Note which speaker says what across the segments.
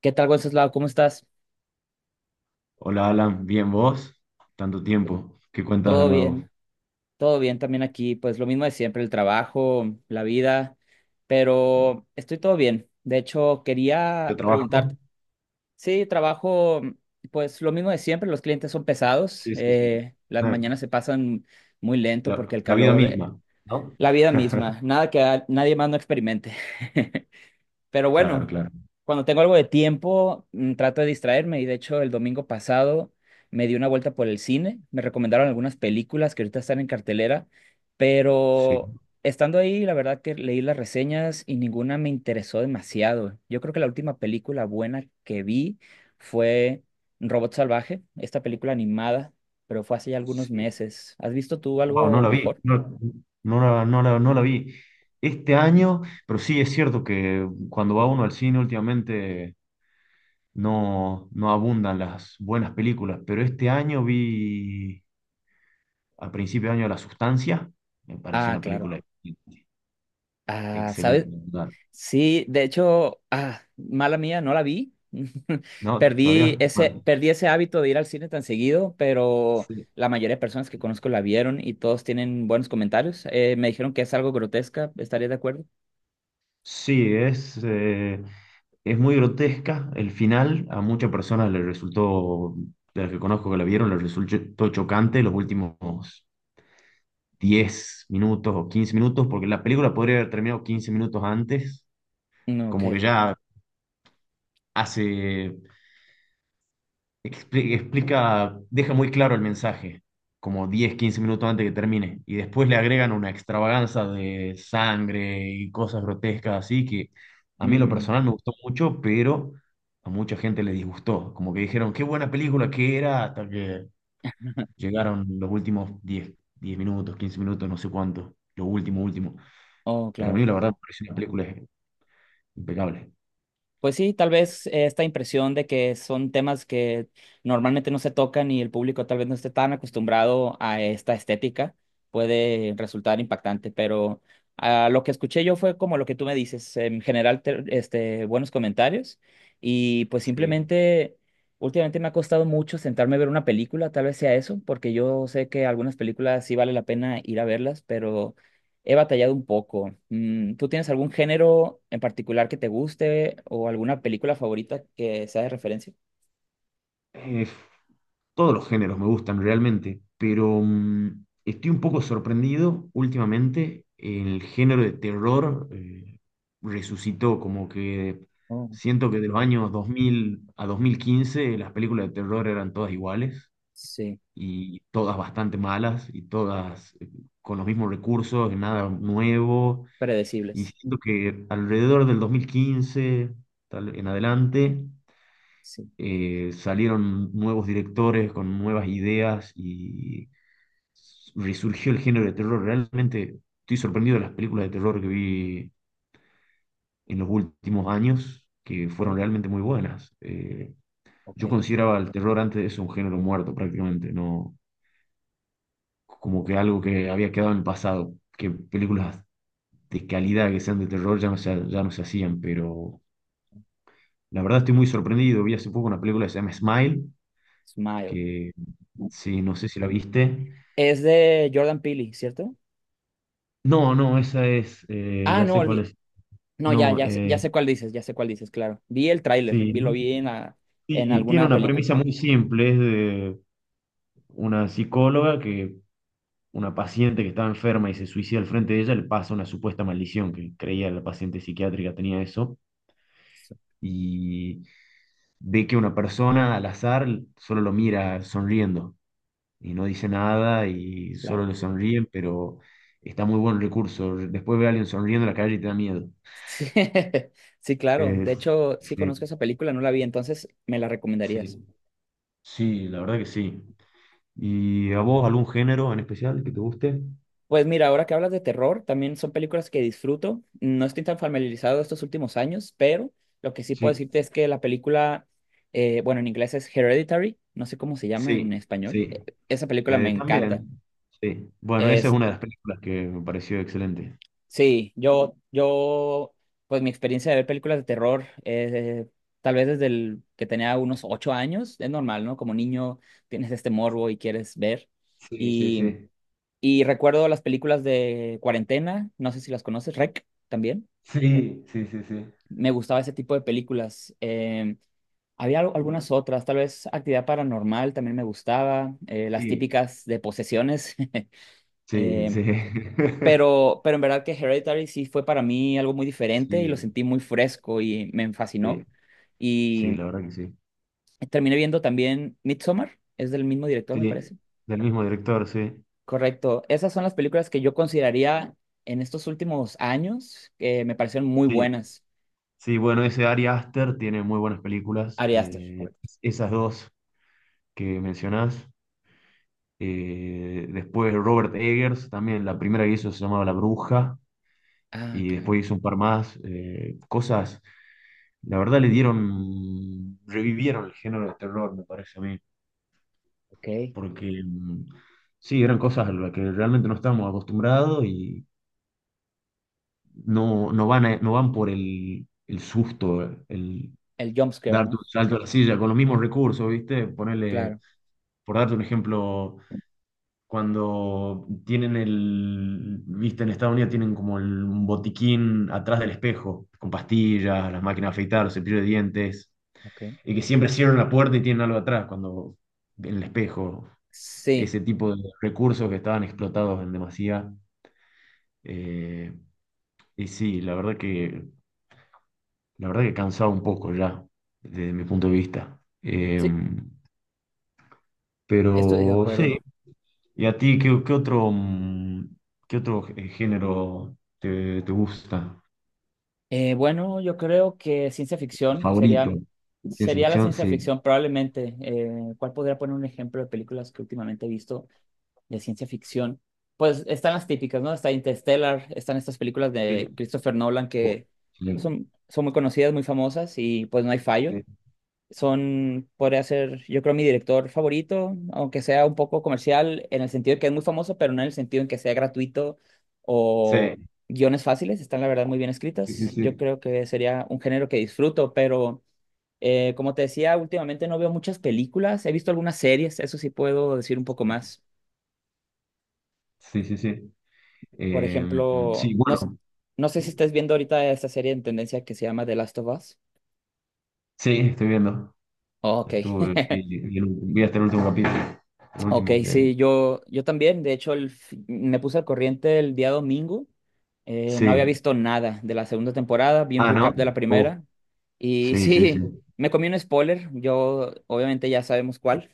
Speaker 1: ¿Qué tal, Wenceslao? ¿Cómo estás?
Speaker 2: Hola Alan, bien vos, tanto tiempo, ¿qué cuentas de
Speaker 1: Todo
Speaker 2: nuevo?
Speaker 1: bien, todo bien también aquí. Pues lo mismo de siempre, el trabajo, la vida, pero estoy todo bien. De hecho,
Speaker 2: ¿Yo
Speaker 1: quería
Speaker 2: trabajo?
Speaker 1: preguntarte, sí, trabajo, pues lo mismo de siempre, los clientes son pesados,
Speaker 2: Sí, sí, sí.
Speaker 1: las
Speaker 2: Eh,
Speaker 1: mañanas se pasan muy lento
Speaker 2: La,
Speaker 1: porque el
Speaker 2: la vida
Speaker 1: calor,
Speaker 2: misma, ¿no?
Speaker 1: la vida misma, nada que nadie más no experimente. Pero
Speaker 2: Claro,
Speaker 1: bueno,
Speaker 2: claro.
Speaker 1: cuando tengo algo de tiempo, trato de distraerme y de hecho el domingo pasado me di una vuelta por el cine, me recomendaron algunas películas que ahorita están en cartelera,
Speaker 2: Sí,
Speaker 1: pero estando ahí, la verdad que leí las reseñas y ninguna me interesó demasiado. Yo creo que la última película buena que vi fue Robot Salvaje, esta película animada, pero fue hace ya algunos
Speaker 2: sí.
Speaker 1: meses. ¿Has visto tú
Speaker 2: Wow, no
Speaker 1: algo
Speaker 2: la vi,
Speaker 1: mejor?
Speaker 2: no, no la vi este año, pero sí es cierto que cuando va uno al cine últimamente no, no abundan las buenas películas, pero este año vi a principio de año La Sustancia, me pareció
Speaker 1: Ah,
Speaker 2: una película
Speaker 1: claro. Ah, ¿sabes?
Speaker 2: excelente.
Speaker 1: Sí, de hecho, mala mía, no la vi.
Speaker 2: No, todavía. Bueno,
Speaker 1: Perdí ese hábito de ir al cine tan seguido, pero
Speaker 2: sí.
Speaker 1: la mayoría de personas que conozco la vieron y todos tienen buenos comentarios. Me dijeron que es algo grotesca, ¿estarías de acuerdo?
Speaker 2: Sí, es muy grotesca el final. A muchas personas les resultó, de las que conozco que la vieron, les resultó chocante los últimos 10 minutos o 15 minutos, porque la película podría haber terminado 15 minutos antes,
Speaker 1: Mm, ok.
Speaker 2: como que ya hace explica, deja muy claro el mensaje, como 10 15 minutos antes que termine, y después le agregan una extravaganza de sangre y cosas grotescas así que a mí en lo
Speaker 1: Mm,
Speaker 2: personal me gustó mucho, pero a mucha gente le disgustó, como que dijeron, qué buena película que era, hasta que llegaron los últimos diez minutos, 15 minutos, no sé cuánto, lo último, último,
Speaker 1: oh,
Speaker 2: pero a mí
Speaker 1: claro.
Speaker 2: la verdad me pareció una película impecable.
Speaker 1: Pues sí, tal vez esta impresión de que son temas que normalmente no se tocan y el público tal vez no esté tan acostumbrado a esta estética puede resultar impactante, pero lo que escuché yo fue como lo que tú me dices, en general este, buenos comentarios y pues
Speaker 2: Sí.
Speaker 1: simplemente últimamente me ha costado mucho sentarme a ver una película, tal vez sea eso, porque yo sé que algunas películas sí vale la pena ir a verlas, pero he batallado un poco. ¿Tú tienes algún género en particular que te guste o alguna película favorita que sea de referencia?
Speaker 2: Eh, Todos los géneros me gustan realmente, pero estoy un poco sorprendido últimamente. El género de terror resucitó, como que
Speaker 1: Oh,
Speaker 2: siento que de los años 2000 a 2015 las películas de terror eran todas iguales
Speaker 1: sí,
Speaker 2: y todas bastante malas y todas con los mismos recursos, nada nuevo. Y
Speaker 1: predecibles.
Speaker 2: siento que alrededor del 2015 tal en adelante,
Speaker 1: Sí,
Speaker 2: salieron nuevos directores con nuevas ideas y resurgió el género de terror. Realmente estoy sorprendido de las películas de terror que vi en los últimos años, que fueron
Speaker 1: ok,
Speaker 2: realmente muy buenas. Eh,
Speaker 1: ok.
Speaker 2: yo consideraba el terror antes de eso un género muerto prácticamente, no como que algo que había quedado en el pasado, que películas de calidad que sean de terror ya no se hacían, pero la verdad estoy muy sorprendido. Vi hace poco una película que se llama Smile,
Speaker 1: Smile.
Speaker 2: que sí, no sé si la viste.
Speaker 1: ¿Es de Jordan Peele, cierto?
Speaker 2: No, no, esa es,
Speaker 1: Ah,
Speaker 2: ya
Speaker 1: no,
Speaker 2: sé cuál
Speaker 1: olvi-
Speaker 2: es.
Speaker 1: No, ya,
Speaker 2: No,
Speaker 1: ya, ya sé cuál dices, ya sé cuál dices, claro. Vi el tráiler,
Speaker 2: sí,
Speaker 1: vi, lo vi en, en
Speaker 2: sí, tiene
Speaker 1: alguna
Speaker 2: una
Speaker 1: película.
Speaker 2: premisa muy simple, es de una psicóloga que una paciente que estaba enferma y se suicida al frente de ella, le pasa una supuesta maldición, que creía la paciente psiquiátrica tenía eso,
Speaker 1: Sí,
Speaker 2: y ve que una persona al azar solo lo mira sonriendo y no dice nada y
Speaker 1: claro.
Speaker 2: solo le sonríe, pero está muy buen recurso. Después ve a alguien sonriendo en la calle y te da miedo.
Speaker 1: Sí, sí, claro. De
Speaker 2: Es-
Speaker 1: hecho, sí
Speaker 2: sí,
Speaker 1: conozco esa película, no la vi, entonces me la recomendarías.
Speaker 2: sí. Sí, la verdad que sí. ¿Y a vos algún género en especial que te guste?
Speaker 1: Pues mira, ahora que hablas de terror, también son películas que disfruto. No estoy tan familiarizado estos últimos años, pero lo que sí puedo
Speaker 2: Sí,
Speaker 1: decirte es que la película, bueno, en inglés es Hereditary, no sé cómo se llama en
Speaker 2: sí,
Speaker 1: español.
Speaker 2: sí.
Speaker 1: Esa película me
Speaker 2: Eh,
Speaker 1: encanta.
Speaker 2: también, sí. Bueno, esa es
Speaker 1: Es,
Speaker 2: una de las películas que me pareció excelente.
Speaker 1: sí, pues mi experiencia de ver películas de terror, tal vez desde el que tenía unos 8 años, es normal, ¿no? Como niño tienes este morbo y quieres ver.
Speaker 2: Sí, sí,
Speaker 1: Y
Speaker 2: sí.
Speaker 1: Y recuerdo las películas de cuarentena, no sé si las conoces, Rec también.
Speaker 2: Sí, sí, sí, sí.
Speaker 1: Me gustaba ese tipo de películas. Había algunas otras, tal vez Actividad Paranormal también me gustaba, las
Speaker 2: Sí,
Speaker 1: típicas de posesiones.
Speaker 2: sí,
Speaker 1: Eh,
Speaker 2: sí.
Speaker 1: pero en verdad que Hereditary sí fue para mí algo muy diferente y lo
Speaker 2: Sí,
Speaker 1: sentí muy fresco y me
Speaker 2: sí,
Speaker 1: fascinó.
Speaker 2: sí,
Speaker 1: Y
Speaker 2: la verdad que sí.
Speaker 1: terminé viendo también Midsommar, es del mismo director, me
Speaker 2: Sí,
Speaker 1: parece.
Speaker 2: del mismo director, sí.
Speaker 1: Correcto. Esas son las películas que yo consideraría en estos últimos años que me parecieron muy
Speaker 2: Sí,
Speaker 1: buenas.
Speaker 2: sí, bueno, ese Ari Aster tiene muy buenas películas.
Speaker 1: Ari Aster,
Speaker 2: eh,
Speaker 1: correcto.
Speaker 2: esas dos que mencionás. Después Robert Eggers, también la primera que hizo se llamaba La Bruja,
Speaker 1: Ah,
Speaker 2: y
Speaker 1: claro.
Speaker 2: después hizo un par más, cosas, la verdad le dieron, revivieron el género de terror, me parece a mí,
Speaker 1: Ok.
Speaker 2: porque sí, eran cosas a las que realmente no estábamos acostumbrados y no, no van por el susto, el
Speaker 1: El jumpscare,
Speaker 2: darte
Speaker 1: ¿no?
Speaker 2: un salto a la silla con los mismos recursos, ¿viste? Ponerle,
Speaker 1: Claro.
Speaker 2: por darte un ejemplo cuando tienen el, viste, en Estados Unidos tienen como el, un botiquín atrás del espejo, con pastillas, las máquinas de afeitar, los cepillos de dientes,
Speaker 1: Ok.
Speaker 2: y que siempre cierran la puerta y tienen algo atrás cuando en el espejo,
Speaker 1: Sí,
Speaker 2: ese tipo de recursos que estaban explotados en demasía. eh, y sí, la verdad que cansaba un poco ya, desde mi punto de vista. Eh,
Speaker 1: sí, estoy de
Speaker 2: pero sí.
Speaker 1: acuerdo.
Speaker 2: ¿Y a ti qué otro género te gusta?
Speaker 1: Bueno, yo creo que ciencia ficción
Speaker 2: ¿Favorito?
Speaker 1: sería,
Speaker 2: ¿Ciencia
Speaker 1: sería la
Speaker 2: ficción?
Speaker 1: ciencia
Speaker 2: Sí.
Speaker 1: ficción probablemente. ¿Cuál podría poner un ejemplo de películas que últimamente he visto? De ciencia ficción, pues están las típicas, ¿no? Está Interstellar, están estas películas
Speaker 2: Sí.
Speaker 1: de Christopher Nolan
Speaker 2: Oh,
Speaker 1: que
Speaker 2: excelente.
Speaker 1: son, son muy conocidas, muy famosas y pues no hay fallo. Son, podría ser, yo creo, mi director favorito, aunque sea un poco comercial en el sentido de que es muy famoso, pero no en el sentido en que sea gratuito
Speaker 2: Sí,
Speaker 1: o guiones fáciles, están la verdad muy bien
Speaker 2: sí, sí,
Speaker 1: escritas. Yo
Speaker 2: sí.
Speaker 1: creo que sería un género que disfruto, pero... como te decía, últimamente no veo muchas películas, he visto algunas series, eso sí puedo decir un poco más.
Speaker 2: Sí, sí, sí. Sí.
Speaker 1: Por
Speaker 2: Eh, sí,
Speaker 1: ejemplo, no,
Speaker 2: bueno,
Speaker 1: no sé si estás viendo ahorita esta serie en tendencia que se llama The Last of Us.
Speaker 2: sí, estoy viendo.
Speaker 1: Oh, ok,
Speaker 2: Estuve, vi, vi hasta el último capítulo. El
Speaker 1: ok,
Speaker 2: último que.
Speaker 1: sí, yo también. De hecho, me puse al corriente el día domingo. No había
Speaker 2: Sí.
Speaker 1: visto nada de la segunda temporada, vi un
Speaker 2: Ah, ¿no?
Speaker 1: recap de la
Speaker 2: Oh,
Speaker 1: primera. Y
Speaker 2: sí, sí, sí.
Speaker 1: sí, me comí un spoiler, yo obviamente ya sabemos cuál,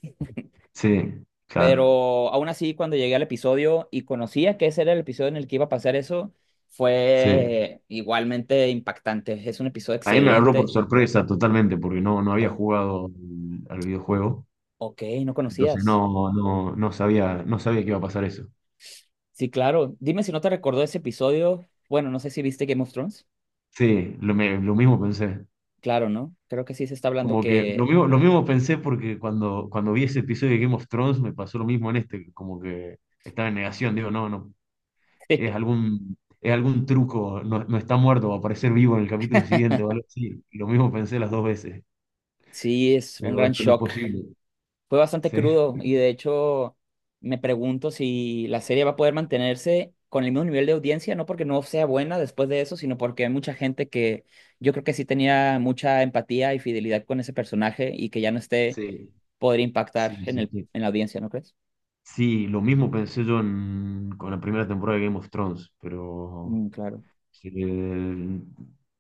Speaker 2: Sí, claro.
Speaker 1: pero aún así cuando llegué al episodio y conocía que ese era el episodio en el que iba a pasar eso,
Speaker 2: Sí.
Speaker 1: fue igualmente impactante. Es un episodio
Speaker 2: A mí me agarró por
Speaker 1: excelente.
Speaker 2: sorpresa totalmente porque no, no había jugado al videojuego.
Speaker 1: Ok, no
Speaker 2: Entonces
Speaker 1: conocías.
Speaker 2: no, no, no sabía, no sabía que iba a pasar eso.
Speaker 1: Sí, claro. Dime si no te recordó ese episodio. Bueno, no sé si viste Game of Thrones.
Speaker 2: Sí, lo mismo pensé.
Speaker 1: Claro, ¿no? Creo que sí se está hablando
Speaker 2: Como que
Speaker 1: que...
Speaker 2: lo mismo pensé porque cuando vi ese episodio de Game of Thrones me pasó lo mismo en este, como que estaba en negación, digo, no, no, es algún truco, no, no está muerto, va a aparecer vivo en el capítulo siguiente o algo así. Lo mismo pensé las dos veces.
Speaker 1: Sí, es un
Speaker 2: Digo,
Speaker 1: gran
Speaker 2: esto no es
Speaker 1: shock.
Speaker 2: posible.
Speaker 1: Fue bastante
Speaker 2: Sí,
Speaker 1: crudo y de hecho me pregunto si la serie va a poder mantenerse con el mismo nivel de audiencia, no porque no sea buena después de eso, sino porque hay mucha gente que yo creo que sí tenía mucha empatía y fidelidad con ese personaje y que ya no esté,
Speaker 2: sí,
Speaker 1: podría impactar
Speaker 2: sí,
Speaker 1: en
Speaker 2: sí,
Speaker 1: el,
Speaker 2: sí.
Speaker 1: en la audiencia, ¿no crees?
Speaker 2: Sí, lo mismo pensé yo en- con la primera temporada de Game of Thrones, pero
Speaker 1: Mm, claro.
Speaker 2: se,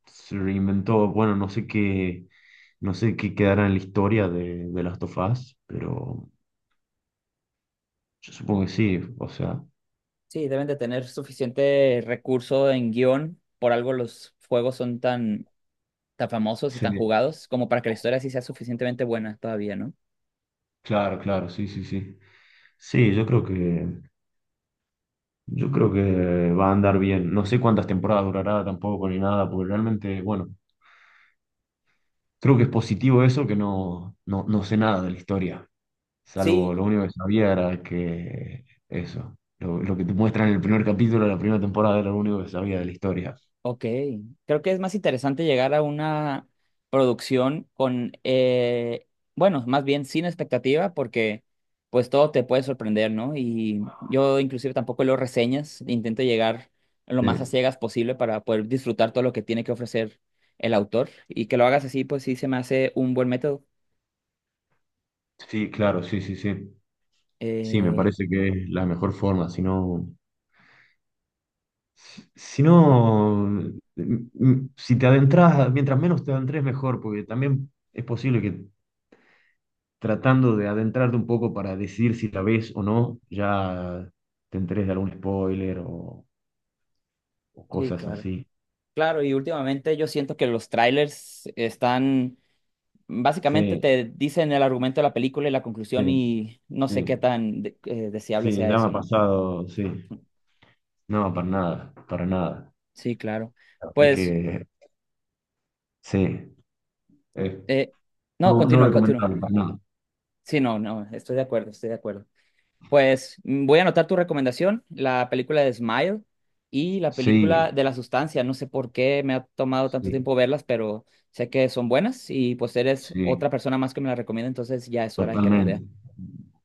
Speaker 2: se reinventó, bueno, no sé qué quedará en la historia de Last of Us, pero yo supongo que sí, o sea,
Speaker 1: Sí, deben de tener suficiente recurso en guión. Por algo los juegos son tan, tan famosos y tan
Speaker 2: sí,
Speaker 1: jugados como para que la historia sí sea suficientemente buena todavía, ¿no?
Speaker 2: claro, claro, sí, sí, sí. Sí, yo creo que va a andar bien. No sé cuántas temporadas durará tampoco ni nada, porque realmente, bueno, creo que es positivo eso que no, no, no sé nada de la historia. Salvo
Speaker 1: Sí.
Speaker 2: lo único que sabía era que eso, lo que te muestran en el primer capítulo de la primera temporada era lo único que sabía de la historia.
Speaker 1: Ok, creo que es más interesante llegar a una producción con, bueno, más bien sin expectativa, porque pues todo te puede sorprender, ¿no? Y yo inclusive tampoco leo reseñas, intento llegar lo más a
Speaker 2: Sí,
Speaker 1: ciegas posible para poder disfrutar todo lo que tiene que ofrecer el autor. Y que lo hagas así, pues sí se me hace un buen método.
Speaker 2: sí, claro, sí, sí, sí. Sí, me
Speaker 1: Eh,
Speaker 2: parece que es la mejor forma, si no, si no, m- si te adentras, mientras menos te adentres mejor, porque también es posible que tratando de adentrarte un poco para decidir si la ves o no, ya te enteres de algún spoiler o
Speaker 1: sí,
Speaker 2: cosas
Speaker 1: claro.
Speaker 2: así.
Speaker 1: Claro, y últimamente yo siento que los trailers están básicamente
Speaker 2: Sí,
Speaker 1: te dicen el argumento de la película y la conclusión
Speaker 2: sí,
Speaker 1: y no sé qué
Speaker 2: sí.
Speaker 1: tan deseable
Speaker 2: Sí,
Speaker 1: sea
Speaker 2: ya me
Speaker 1: eso,
Speaker 2: ha
Speaker 1: ¿no?
Speaker 2: pasado, sí. No, para nada, para nada.
Speaker 1: Sí, claro.
Speaker 2: La verdad
Speaker 1: Pues,
Speaker 2: que sí, eh,
Speaker 1: eh, no,
Speaker 2: no, no
Speaker 1: continúa, continúa.
Speaker 2: recomendable para nada.
Speaker 1: Sí, no, no, estoy de acuerdo, estoy de acuerdo. Pues voy a anotar tu recomendación, la película de Smile y la
Speaker 2: Sí,
Speaker 1: película de La Sustancia. No sé por qué me ha tomado tanto
Speaker 2: sí,
Speaker 1: tiempo verlas, pero sé que son buenas y pues eres
Speaker 2: sí,
Speaker 1: otra persona más que me las recomienda, entonces ya es hora de que las
Speaker 2: totalmente.
Speaker 1: vea.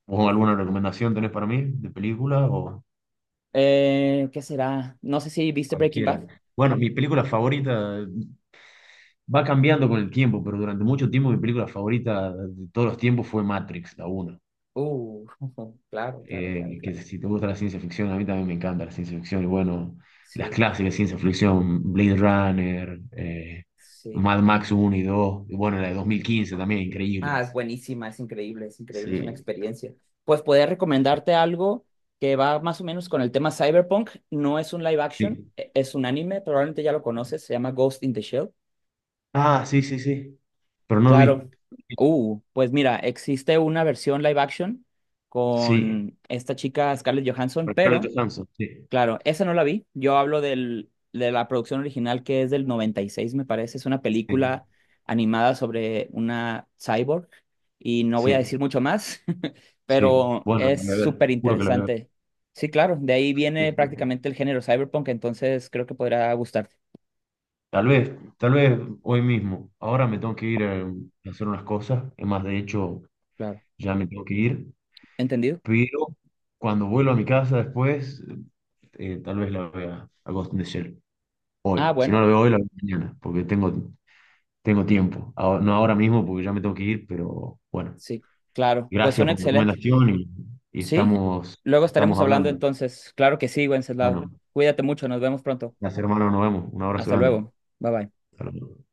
Speaker 2: ¿Vos alguna recomendación tenés para mí de película o
Speaker 1: ¿Qué será? No sé si viste Breaking Bad.
Speaker 2: cualquiera? Bueno, mi película favorita va cambiando con el tiempo, pero durante mucho tiempo mi película favorita de todos los tiempos fue Matrix, la uno.
Speaker 1: Uh, claro, claro, claro,
Speaker 2: Que
Speaker 1: claro.
Speaker 2: si te gusta la ciencia ficción, a mí también me encanta la ciencia ficción. Y bueno, las
Speaker 1: Sí,
Speaker 2: clásicas de ciencia ficción, Blade Runner,
Speaker 1: sí.
Speaker 2: Mad Max uno y 2 y bueno, la de 2015 también,
Speaker 1: Ah, es
Speaker 2: increíbles.
Speaker 1: buenísima, es increíble, es increíble, es una
Speaker 2: Sí,
Speaker 1: experiencia. Pues podría recomendarte algo que va más o menos con el tema Cyberpunk. No es un live action,
Speaker 2: sí.
Speaker 1: es un anime, probablemente ya lo conoces, se llama Ghost in the Shell.
Speaker 2: Ah, sí, sí, sí. Pero no lo
Speaker 1: Claro.
Speaker 2: vi.
Speaker 1: Pues mira, existe una versión live action
Speaker 2: Sí,
Speaker 1: con esta chica Scarlett Johansson,
Speaker 2: por
Speaker 1: pero
Speaker 2: Scarlett Johansson, sí,
Speaker 1: claro, esa no la vi. Yo hablo del, de la producción original que es del 96, me parece. Es una
Speaker 2: sí,
Speaker 1: película animada sobre una cyborg y no voy a
Speaker 2: sí,
Speaker 1: decir mucho más,
Speaker 2: sí.
Speaker 1: pero
Speaker 2: Bueno, lo
Speaker 1: es
Speaker 2: voy a ver, te
Speaker 1: súper
Speaker 2: juro que lo voy a
Speaker 1: interesante. Sí, claro, de ahí viene
Speaker 2: ver.
Speaker 1: prácticamente el género cyberpunk, entonces creo que podrá gustarte.
Speaker 2: Tal vez, tal vez hoy mismo. Ahora me tengo que ir a hacer unas cosas. Es más, de hecho,
Speaker 1: Claro.
Speaker 2: ya me tengo que ir.
Speaker 1: ¿Entendido?
Speaker 2: Pero cuando vuelvo a mi casa después, tal vez la vea a Ghost in the Shell hoy.
Speaker 1: Ah,
Speaker 2: Si
Speaker 1: bueno,
Speaker 2: no la veo hoy, la veo mañana, porque tengo, tengo tiempo. Ahora- no ahora mismo, porque ya me tengo que ir, pero bueno,
Speaker 1: sí, claro. Pues
Speaker 2: gracias
Speaker 1: suena
Speaker 2: por la
Speaker 1: excelente.
Speaker 2: recomendación y
Speaker 1: Sí,
Speaker 2: estamos,
Speaker 1: luego
Speaker 2: estamos
Speaker 1: estaremos hablando
Speaker 2: hablando.
Speaker 1: entonces. Claro que sí, Wenceslao.
Speaker 2: Bueno,
Speaker 1: Cuídate mucho, nos vemos pronto.
Speaker 2: gracias hermano, nos vemos. Un abrazo
Speaker 1: Hasta
Speaker 2: grande.
Speaker 1: luego. Bye bye.
Speaker 2: Hasta luego.